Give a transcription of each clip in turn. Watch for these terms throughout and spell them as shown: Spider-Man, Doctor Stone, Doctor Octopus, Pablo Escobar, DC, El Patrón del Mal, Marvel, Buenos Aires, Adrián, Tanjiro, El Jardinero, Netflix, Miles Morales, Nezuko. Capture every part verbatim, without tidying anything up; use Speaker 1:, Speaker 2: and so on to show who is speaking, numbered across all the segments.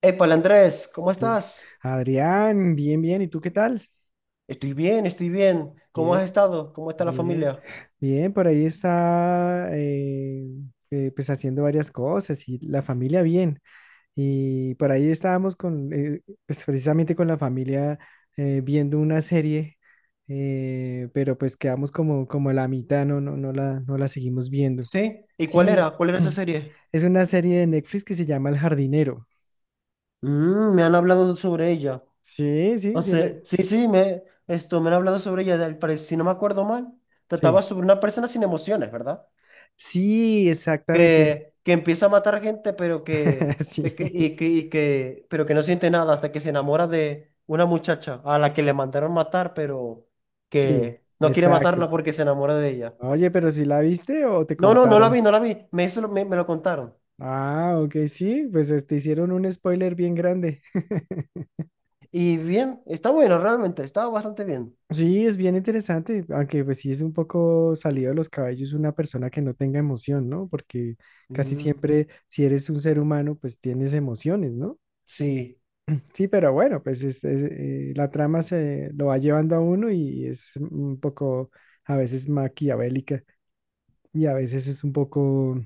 Speaker 1: Épale, Andrés, ¿cómo
Speaker 2: ¿Qué?
Speaker 1: estás?
Speaker 2: Adrián, bien, bien. ¿Y tú qué tal?
Speaker 1: Estoy bien, estoy bien. ¿Cómo
Speaker 2: Bien,
Speaker 1: has estado? ¿Cómo está la
Speaker 2: bien,
Speaker 1: familia?
Speaker 2: bien. Por ahí está, eh, eh, pues haciendo varias cosas y la familia bien. Y por ahí estábamos con, eh, pues precisamente con la familia eh, viendo una serie, eh, pero pues quedamos como, como a la mitad, no, no, no la, no la seguimos viendo.
Speaker 1: ¿Sí? ¿Y cuál era?
Speaker 2: Sí,
Speaker 1: ¿Cuál era esa serie?
Speaker 2: es una serie de Netflix que se llama El Jardinero.
Speaker 1: Mm, me han hablado sobre ella.
Speaker 2: Sí, sí,
Speaker 1: O
Speaker 2: sí.
Speaker 1: sea,
Speaker 2: la-
Speaker 1: sí, sí, me, esto, me han hablado sobre ella. Del, pare- si no me acuerdo mal, trataba
Speaker 2: Sí.
Speaker 1: sobre una persona sin emociones, ¿verdad?
Speaker 2: Sí, exactamente.
Speaker 1: Que, que empieza a matar gente, pero que,
Speaker 2: Sí,
Speaker 1: que, y que, y que, pero que no siente nada hasta que se enamora de una muchacha a la que le mandaron matar, pero
Speaker 2: sí,
Speaker 1: que no quiere
Speaker 2: exacto.
Speaker 1: matarla porque se enamora de ella.
Speaker 2: Oye, ¿pero si la viste o te
Speaker 1: No, no, no la
Speaker 2: contaron?
Speaker 1: vi, no la vi. Me, eso lo- me, me lo contaron.
Speaker 2: Ah, ok, sí, pues eh, te hicieron un spoiler bien grande.
Speaker 1: Y bien, está bueno, realmente, está bastante bien.
Speaker 2: Sí, es bien interesante, aunque pues sí es un poco salido de los cabellos una persona que no tenga emoción, ¿no? Porque casi
Speaker 1: Mm,
Speaker 2: siempre si eres un ser humano, pues tienes emociones, ¿no?
Speaker 1: sí,
Speaker 2: Sí, pero bueno, pues es- es, eh, la trama se lo va llevando a uno y es un poco a veces maquiavélica y a veces es un poco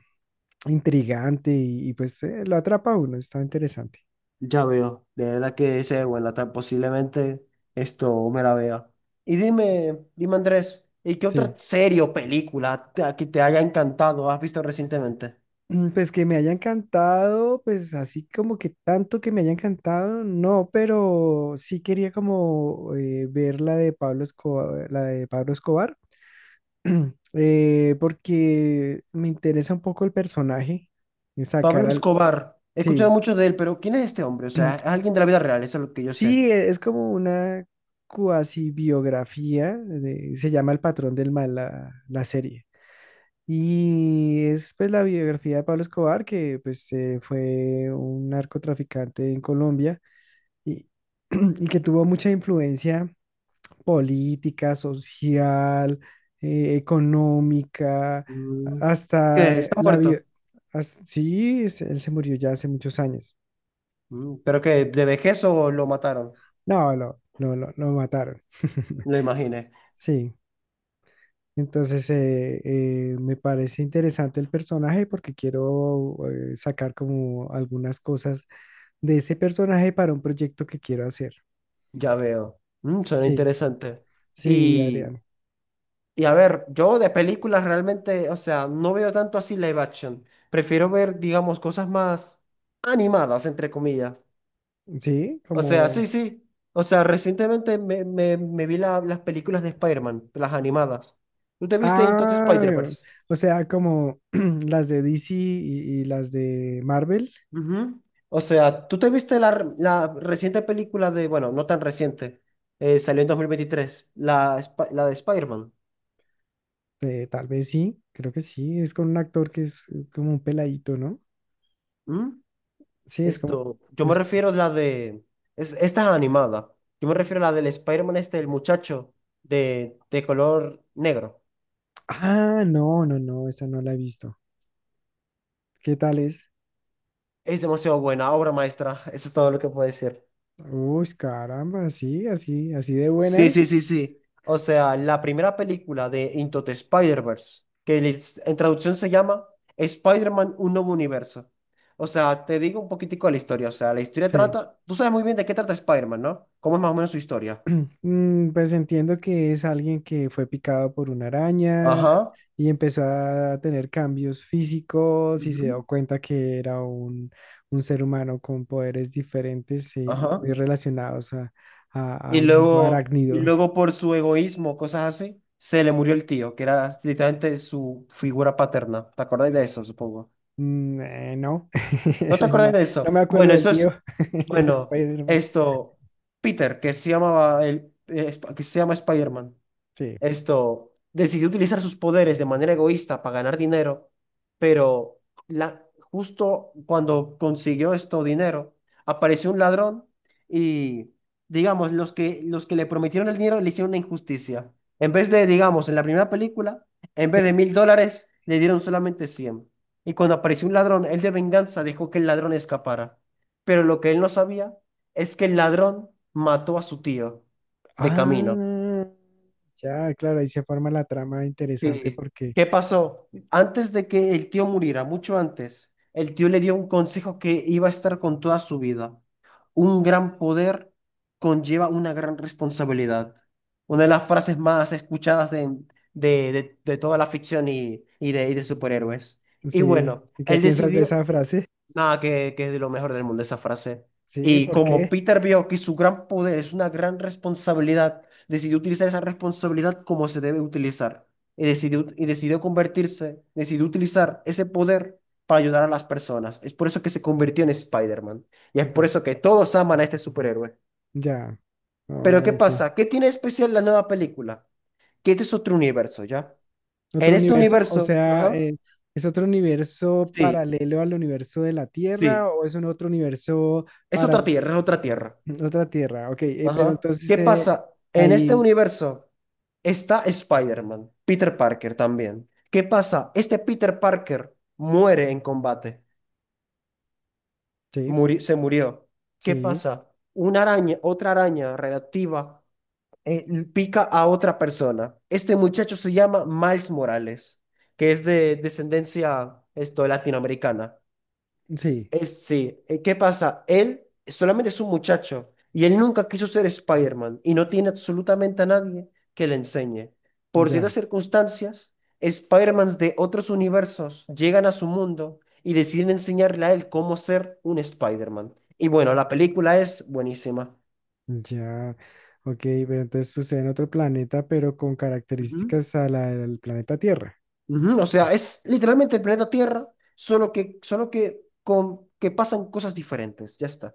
Speaker 2: intrigante y, y, pues eh, lo atrapa a uno, está interesante.
Speaker 1: ya veo. De verdad que ese es buena. Tal- posiblemente esto me la vea. Y dime, dime, Andrés, ¿y qué
Speaker 2: Sí.
Speaker 1: otra serie o película te, que te haya encantado has visto recientemente?
Speaker 2: Mm, pues que me haya encantado, pues así como que tanto que me haya encantado, no, pero sí quería como eh, ver la de Pablo Escobar, la de Pablo Escobar, eh, porque me interesa un poco el personaje, y sacar
Speaker 1: Pablo
Speaker 2: al,
Speaker 1: Escobar, he escuchado
Speaker 2: sí,
Speaker 1: mucho de él, pero ¿quién es este hombre? O sea, es alguien de la vida real, eso es lo que yo sé.
Speaker 2: sí, e- es como una cuasi biografía, de- se llama El Patrón del Mal la la serie. Y es pues la biografía de Pablo Escobar, que pues eh, fue un narcotraficante en Colombia y, y que tuvo mucha influencia política, social, eh, económica,
Speaker 1: Mm, ¿qué?
Speaker 2: hasta
Speaker 1: ¿Está
Speaker 2: la vida.
Speaker 1: muerto?
Speaker 2: Hasta- sí, es- él se murió ya hace muchos años.
Speaker 1: Mm. ¿Pero que ¿De vejez o lo mataron?
Speaker 2: No, lo, lo, lo, lo mataron.
Speaker 1: Lo imaginé.
Speaker 2: Sí. Entonces, eh, eh, me parece interesante el personaje porque quiero eh, sacar como algunas cosas de ese personaje para un proyecto que quiero hacer.
Speaker 1: Ya veo. Mm, suena
Speaker 2: Sí,
Speaker 1: interesante.
Speaker 2: sí,
Speaker 1: Y,
Speaker 2: Adrián.
Speaker 1: y a ver, yo de películas realmente, o sea, no veo tanto así live action. Prefiero ver, digamos, cosas más animadas, entre comillas.
Speaker 2: Sí,
Speaker 1: O sea, sí,
Speaker 2: como...
Speaker 1: sí. O sea, recientemente me, me, me vi la- las películas de Spider-Man, las animadas. ¿Tú te viste entonces
Speaker 2: Ah,
Speaker 1: Spider-Verse?
Speaker 2: o sea, como las de D C y, y las de Marvel,
Speaker 1: Ujú. O sea, ¿tú te viste la, r- la reciente película de, bueno, no tan reciente, eh, salió en dos mil veintitrés, la, Sp- la de Spider-Man?
Speaker 2: eh, tal vez sí, creo que sí, es con un actor que es eh, como un peladito, ¿no?
Speaker 1: ¿Mm?
Speaker 2: Sí, es como...
Speaker 1: Esto, yo me
Speaker 2: es-
Speaker 1: refiero a la de, es, esta es animada. Yo me refiero a la del Spider-Man este, el muchacho de, de color negro.
Speaker 2: Ah, no, no, no, esa no la he visto. ¿Qué tal es?
Speaker 1: Es demasiado buena, obra maestra. Eso es todo lo que puedo decir.
Speaker 2: Uy, caramba, sí, así, así de buena
Speaker 1: Sí, sí,
Speaker 2: es.
Speaker 1: sí, sí. O sea, la primera película de Into the Spider-Verse, que le- en traducción se llama Spider-Man Un Nuevo Universo. O sea, te digo un poquitico de la historia. O sea, la historia
Speaker 2: Sí.
Speaker 1: trata, tú sabes muy bien de qué trata Spider-Man, ¿no? ¿Cómo es más o menos su historia?
Speaker 2: Mm, pues entiendo que es alguien que fue picado por una araña
Speaker 1: Ajá.
Speaker 2: y empezó a tener cambios físicos y se
Speaker 1: Ujú.
Speaker 2: dio cuenta que era un, un ser humano con poderes diferentes eh, y
Speaker 1: Ajá.
Speaker 2: muy relacionados a- a-
Speaker 1: Y
Speaker 2: al mundo
Speaker 1: luego, y
Speaker 2: arácnido.
Speaker 1: luego por su egoísmo, cosas así, se le murió el tío, que era literalmente su figura paterna. ¿Te acordáis de eso, supongo?
Speaker 2: Mm, eh, no,
Speaker 1: ¿No te
Speaker 2: ese no
Speaker 1: acordáis
Speaker 2: me,
Speaker 1: de
Speaker 2: no
Speaker 1: eso?
Speaker 2: me acuerdo
Speaker 1: Bueno,
Speaker 2: del
Speaker 1: eso es,
Speaker 2: tío de
Speaker 1: bueno,
Speaker 2: Spider-Man.
Speaker 1: esto, Peter, que se llamaba el, eh, Sp- que se llama Spider-Man.
Speaker 2: Sí.
Speaker 1: Esto decidió utilizar sus poderes de manera egoísta para ganar dinero, pero la, justo cuando consiguió esto dinero, apareció un ladrón y, digamos, los que, los que le prometieron el dinero le hicieron una injusticia. En vez de, digamos, en la primera película, en vez
Speaker 2: Sí.
Speaker 1: de mil dólares, le dieron solamente cien. Y cuando apareció un ladrón, él de venganza dejó que el ladrón escapara. Pero lo que él no sabía es que el ladrón mató a su tío de camino.
Speaker 2: Ah, ya, claro, ahí se forma la trama interesante
Speaker 1: Sí.
Speaker 2: porque,
Speaker 1: ¿Qué pasó? Antes de que el tío muriera, mucho antes, el tío le dio un consejo que iba a estar con toda su vida. Un gran poder conlleva una gran responsabilidad. Una de las frases más escuchadas de, de, de- de toda la ficción y, y de, y de superhéroes. Y
Speaker 2: sí,
Speaker 1: bueno,
Speaker 2: ¿y qué
Speaker 1: él
Speaker 2: piensas de
Speaker 1: decidió,
Speaker 2: esa frase?
Speaker 1: nada, que, que es de lo mejor del mundo esa frase.
Speaker 2: Sí,
Speaker 1: Y
Speaker 2: ¿por
Speaker 1: como
Speaker 2: qué?
Speaker 1: Peter vio que su gran poder es una gran responsabilidad, decidió utilizar esa responsabilidad como se debe utilizar. Y decidió, y decidió convertirse, decidió utilizar ese poder para ayudar a las personas. Es por eso que se convirtió en Spider-Man. Y es por
Speaker 2: Ya,
Speaker 1: eso que todos aman a este superhéroe.
Speaker 2: ya,
Speaker 1: Pero ¿qué
Speaker 2: oh, ok.
Speaker 1: pasa? ¿Qué tiene de especial la nueva película? Que este es otro universo, ¿ya? En
Speaker 2: ¿Otro
Speaker 1: este
Speaker 2: universo? O
Speaker 1: universo,
Speaker 2: sea,
Speaker 1: ajá,
Speaker 2: eh, ¿es otro universo
Speaker 1: sí,
Speaker 2: paralelo al universo de la Tierra
Speaker 1: sí,
Speaker 2: o es un otro universo
Speaker 1: es
Speaker 2: para
Speaker 1: otra tierra, es otra tierra.
Speaker 2: otra Tierra? Ok, eh, pero
Speaker 1: Ajá.
Speaker 2: entonces
Speaker 1: ¿Qué
Speaker 2: eh,
Speaker 1: pasa? En este
Speaker 2: ahí,
Speaker 1: universo está Spider-Man, Peter Parker también. ¿Qué pasa? Este Peter Parker muere en combate.
Speaker 2: sí,
Speaker 1: Muri- se murió. ¿Qué
Speaker 2: sí,
Speaker 1: pasa? Una araña, otra araña radiactiva eh, l- pica a otra persona. Este muchacho se llama Miles Morales, que es de descendencia esto, latinoamericana.
Speaker 2: sí,
Speaker 1: Es, sí, eh, ¿qué pasa? Él solamente es un muchacho y él nunca quiso ser Spider-Man y no tiene absolutamente a nadie que le enseñe. Por
Speaker 2: ya.
Speaker 1: ciertas circunstancias, Spider-Mans de otros universos llegan a su mundo y deciden enseñarle a él cómo ser un Spider-Man. Y bueno, la película es buenísima.
Speaker 2: Ya, ok, pero entonces sucede en otro planeta, pero con
Speaker 1: Ujú,
Speaker 2: características a la del planeta Tierra.
Speaker 1: ujú. O sea, es literalmente el planeta Tierra, solo que, solo que, con, que pasan cosas diferentes. Ya está.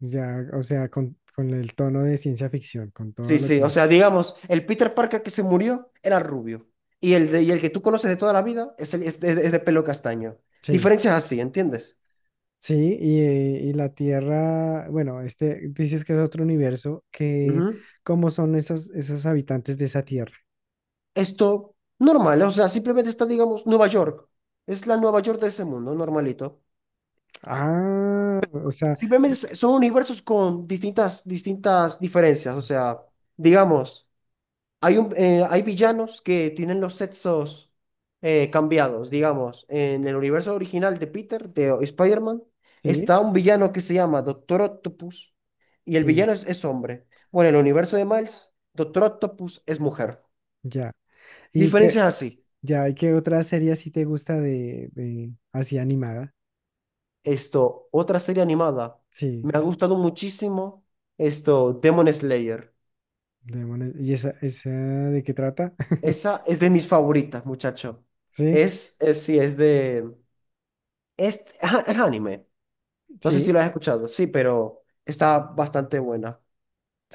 Speaker 2: Ya, o sea, con, con el tono de ciencia ficción, con todo
Speaker 1: Sí,
Speaker 2: lo
Speaker 1: sí, o
Speaker 2: que...
Speaker 1: sea, digamos, el Peter Parker que se murió era rubio y el, de, y el que tú conoces de toda la vida es, el- es de, es de pelo castaño.
Speaker 2: Sí,
Speaker 1: Diferencias así, ¿entiendes?
Speaker 2: sí, y, eh, y la Tierra, bueno, este dices que es otro universo, que
Speaker 1: Ujú.
Speaker 2: ¿cómo son esas, esos habitantes de esa Tierra?
Speaker 1: Esto, normal, o sea, simplemente está, digamos, Nueva York. Es la Nueva York de ese mundo, normalito.
Speaker 2: Ah, o sea,
Speaker 1: Simplemente
Speaker 2: mm,
Speaker 1: es- son universos con distintas, distintas diferencias, o sea, digamos. Hay, un, eh, hay villanos que tienen los sexos eh, cambiados, digamos. En el universo original de Peter, de Spider-Man,
Speaker 2: sí,
Speaker 1: está un villano que se llama Doctor Octopus y el
Speaker 2: sí,
Speaker 1: villano es, es hombre. Bueno, en el universo de Miles, Doctor Octopus es mujer.
Speaker 2: ya. Y que,
Speaker 1: Diferencias así.
Speaker 2: ya, ¿y qué otra serie así te gusta de, de así animada?
Speaker 1: Esto, otra serie animada.
Speaker 2: Sí.
Speaker 1: Me ha gustado muchísimo esto, Demon Slayer.
Speaker 2: Demonios. ¿Y esa, esa de qué trata?
Speaker 1: Esa es de mis favoritas, muchacho.
Speaker 2: Sí,
Speaker 1: Es, es sí, es de... Es, ajá, es anime. No sé si
Speaker 2: sí,
Speaker 1: lo has escuchado, sí, pero está bastante buena.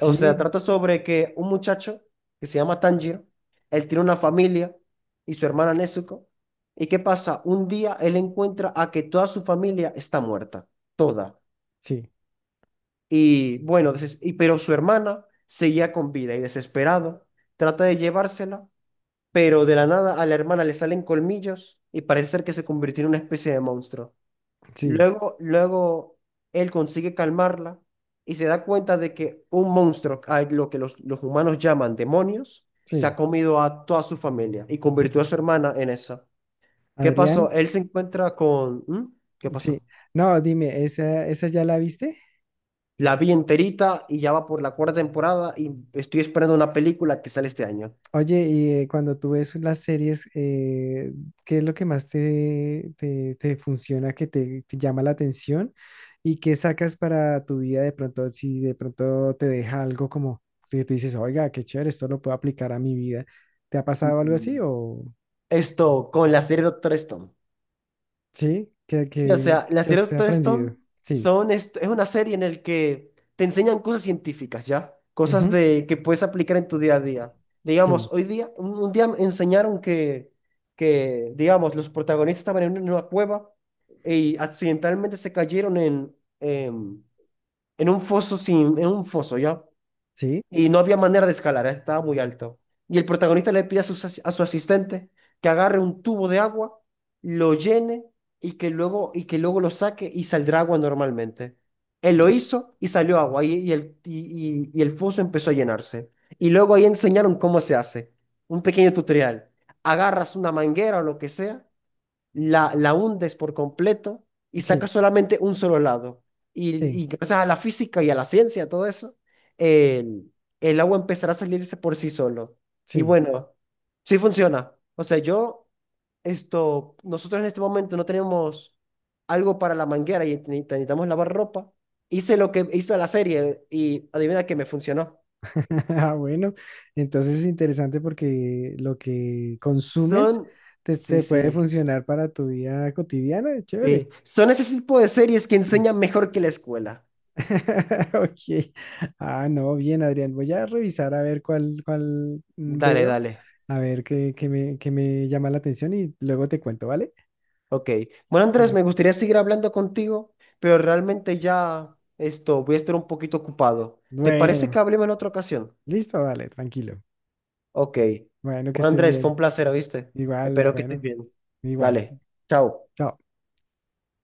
Speaker 1: O sea, trata sobre que un muchacho que se llama Tanjiro, él tiene una familia y su hermana Nezuko. ¿Y qué pasa? Un día él encuentra a que toda su familia está muerta, toda.
Speaker 2: sí,
Speaker 1: Y bueno, deses- y, pero su hermana seguía con vida y desesperado trata de llevársela, pero de la nada a la hermana le salen colmillos y parece ser que se convirtió en una especie de monstruo.
Speaker 2: sí,
Speaker 1: Luego, luego él consigue calmarla y se da cuenta de que un monstruo, a lo que los, los humanos llaman demonios, se ha
Speaker 2: sí.
Speaker 1: comido a toda su familia y convirtió a su hermana en esa. ¿Qué
Speaker 2: Adrián,
Speaker 1: pasó? Él se encuentra con... ¿Mm? ¿Qué
Speaker 2: sí.
Speaker 1: pasó?
Speaker 2: No, dime, ¿esa, esa ya la viste?
Speaker 1: La vi enterita y ya va por la cuarta temporada y estoy esperando una película que sale este año.
Speaker 2: Oye, y eh, cuando tú ves las series, eh, ¿qué es lo que más te, te, te funciona, que te, te llama la atención? ¿Y qué sacas para tu vida de pronto, si de pronto te deja algo como que tú dices, oiga, qué chévere, esto lo puedo aplicar a mi vida? ¿Te ha pasado algo así
Speaker 1: Mm.
Speaker 2: o...?
Speaker 1: Esto con la serie Doctor Stone.
Speaker 2: Sí, que,
Speaker 1: Sí, o
Speaker 2: que,
Speaker 1: sea, la
Speaker 2: que
Speaker 1: serie
Speaker 2: has
Speaker 1: Doctor Stone
Speaker 2: aprendido. Sí,
Speaker 1: son, es, es una serie en la que te enseñan cosas científicas, ¿ya? Cosas
Speaker 2: ujú,
Speaker 1: de, que puedes aplicar en tu día a día. Digamos,
Speaker 2: sí,
Speaker 1: hoy día, un, un día me enseñaron que, que, digamos, los protagonistas estaban en una, en una cueva y accidentalmente se cayeron en, em, en un foso sin, en un foso, ¿ya?
Speaker 2: sí,
Speaker 1: Y no había manera de escalar, ¿eh? Estaba muy alto. Y el protagonista le pide a su, as- a su asistente que agarre un tubo de agua, lo llene y que luego, y que luego lo saque y saldrá agua normalmente. Él lo
Speaker 2: sí,
Speaker 1: hizo y salió agua y, y el, y, y- y el foso empezó a llenarse. Y luego ahí enseñaron cómo se hace, un pequeño tutorial. Agarras una manguera o lo que sea la, la hundes por completo y
Speaker 2: sí,
Speaker 1: sacas solamente un solo lado.
Speaker 2: sí.
Speaker 1: Y, y gracias a la física y a la ciencia, todo eso, el, el agua empezará a salirse por sí solo. Y
Speaker 2: Sí.
Speaker 1: bueno, sí funciona. O sea, yo, esto, nosotros en este momento no tenemos algo para la manguera y ne- necesitamos lavar ropa. Hice lo que hizo la serie y adivina que me funcionó.
Speaker 2: Ah, bueno, entonces es interesante porque lo que consumes
Speaker 1: Son,
Speaker 2: te,
Speaker 1: sí,
Speaker 2: te puede
Speaker 1: sí,
Speaker 2: funcionar para tu vida cotidiana, chévere.
Speaker 1: sí. Son ese tipo de series que enseñan mejor que la escuela.
Speaker 2: Ok. Ah, no, bien, Adrián. Voy a revisar a ver cuál, cuál
Speaker 1: Dale,
Speaker 2: veo,
Speaker 1: dale.
Speaker 2: a ver qué, qué me, qué me llama la atención y luego te cuento, ¿vale?
Speaker 1: Ok. Bueno, Andrés,
Speaker 2: Bueno,
Speaker 1: me gustaría seguir hablando contigo, pero realmente ya esto, voy a estar un poquito ocupado. ¿Te parece
Speaker 2: bueno,
Speaker 1: que hablemos en otra ocasión?
Speaker 2: listo, dale, tranquilo.
Speaker 1: Ok.
Speaker 2: Bueno, que
Speaker 1: Bueno,
Speaker 2: estés
Speaker 1: Andrés, fue
Speaker 2: bien.
Speaker 1: un placer, ¿oíste?
Speaker 2: Igual,
Speaker 1: Espero que estés
Speaker 2: bueno,
Speaker 1: bien.
Speaker 2: igual.
Speaker 1: Dale. Chao.
Speaker 2: Chao.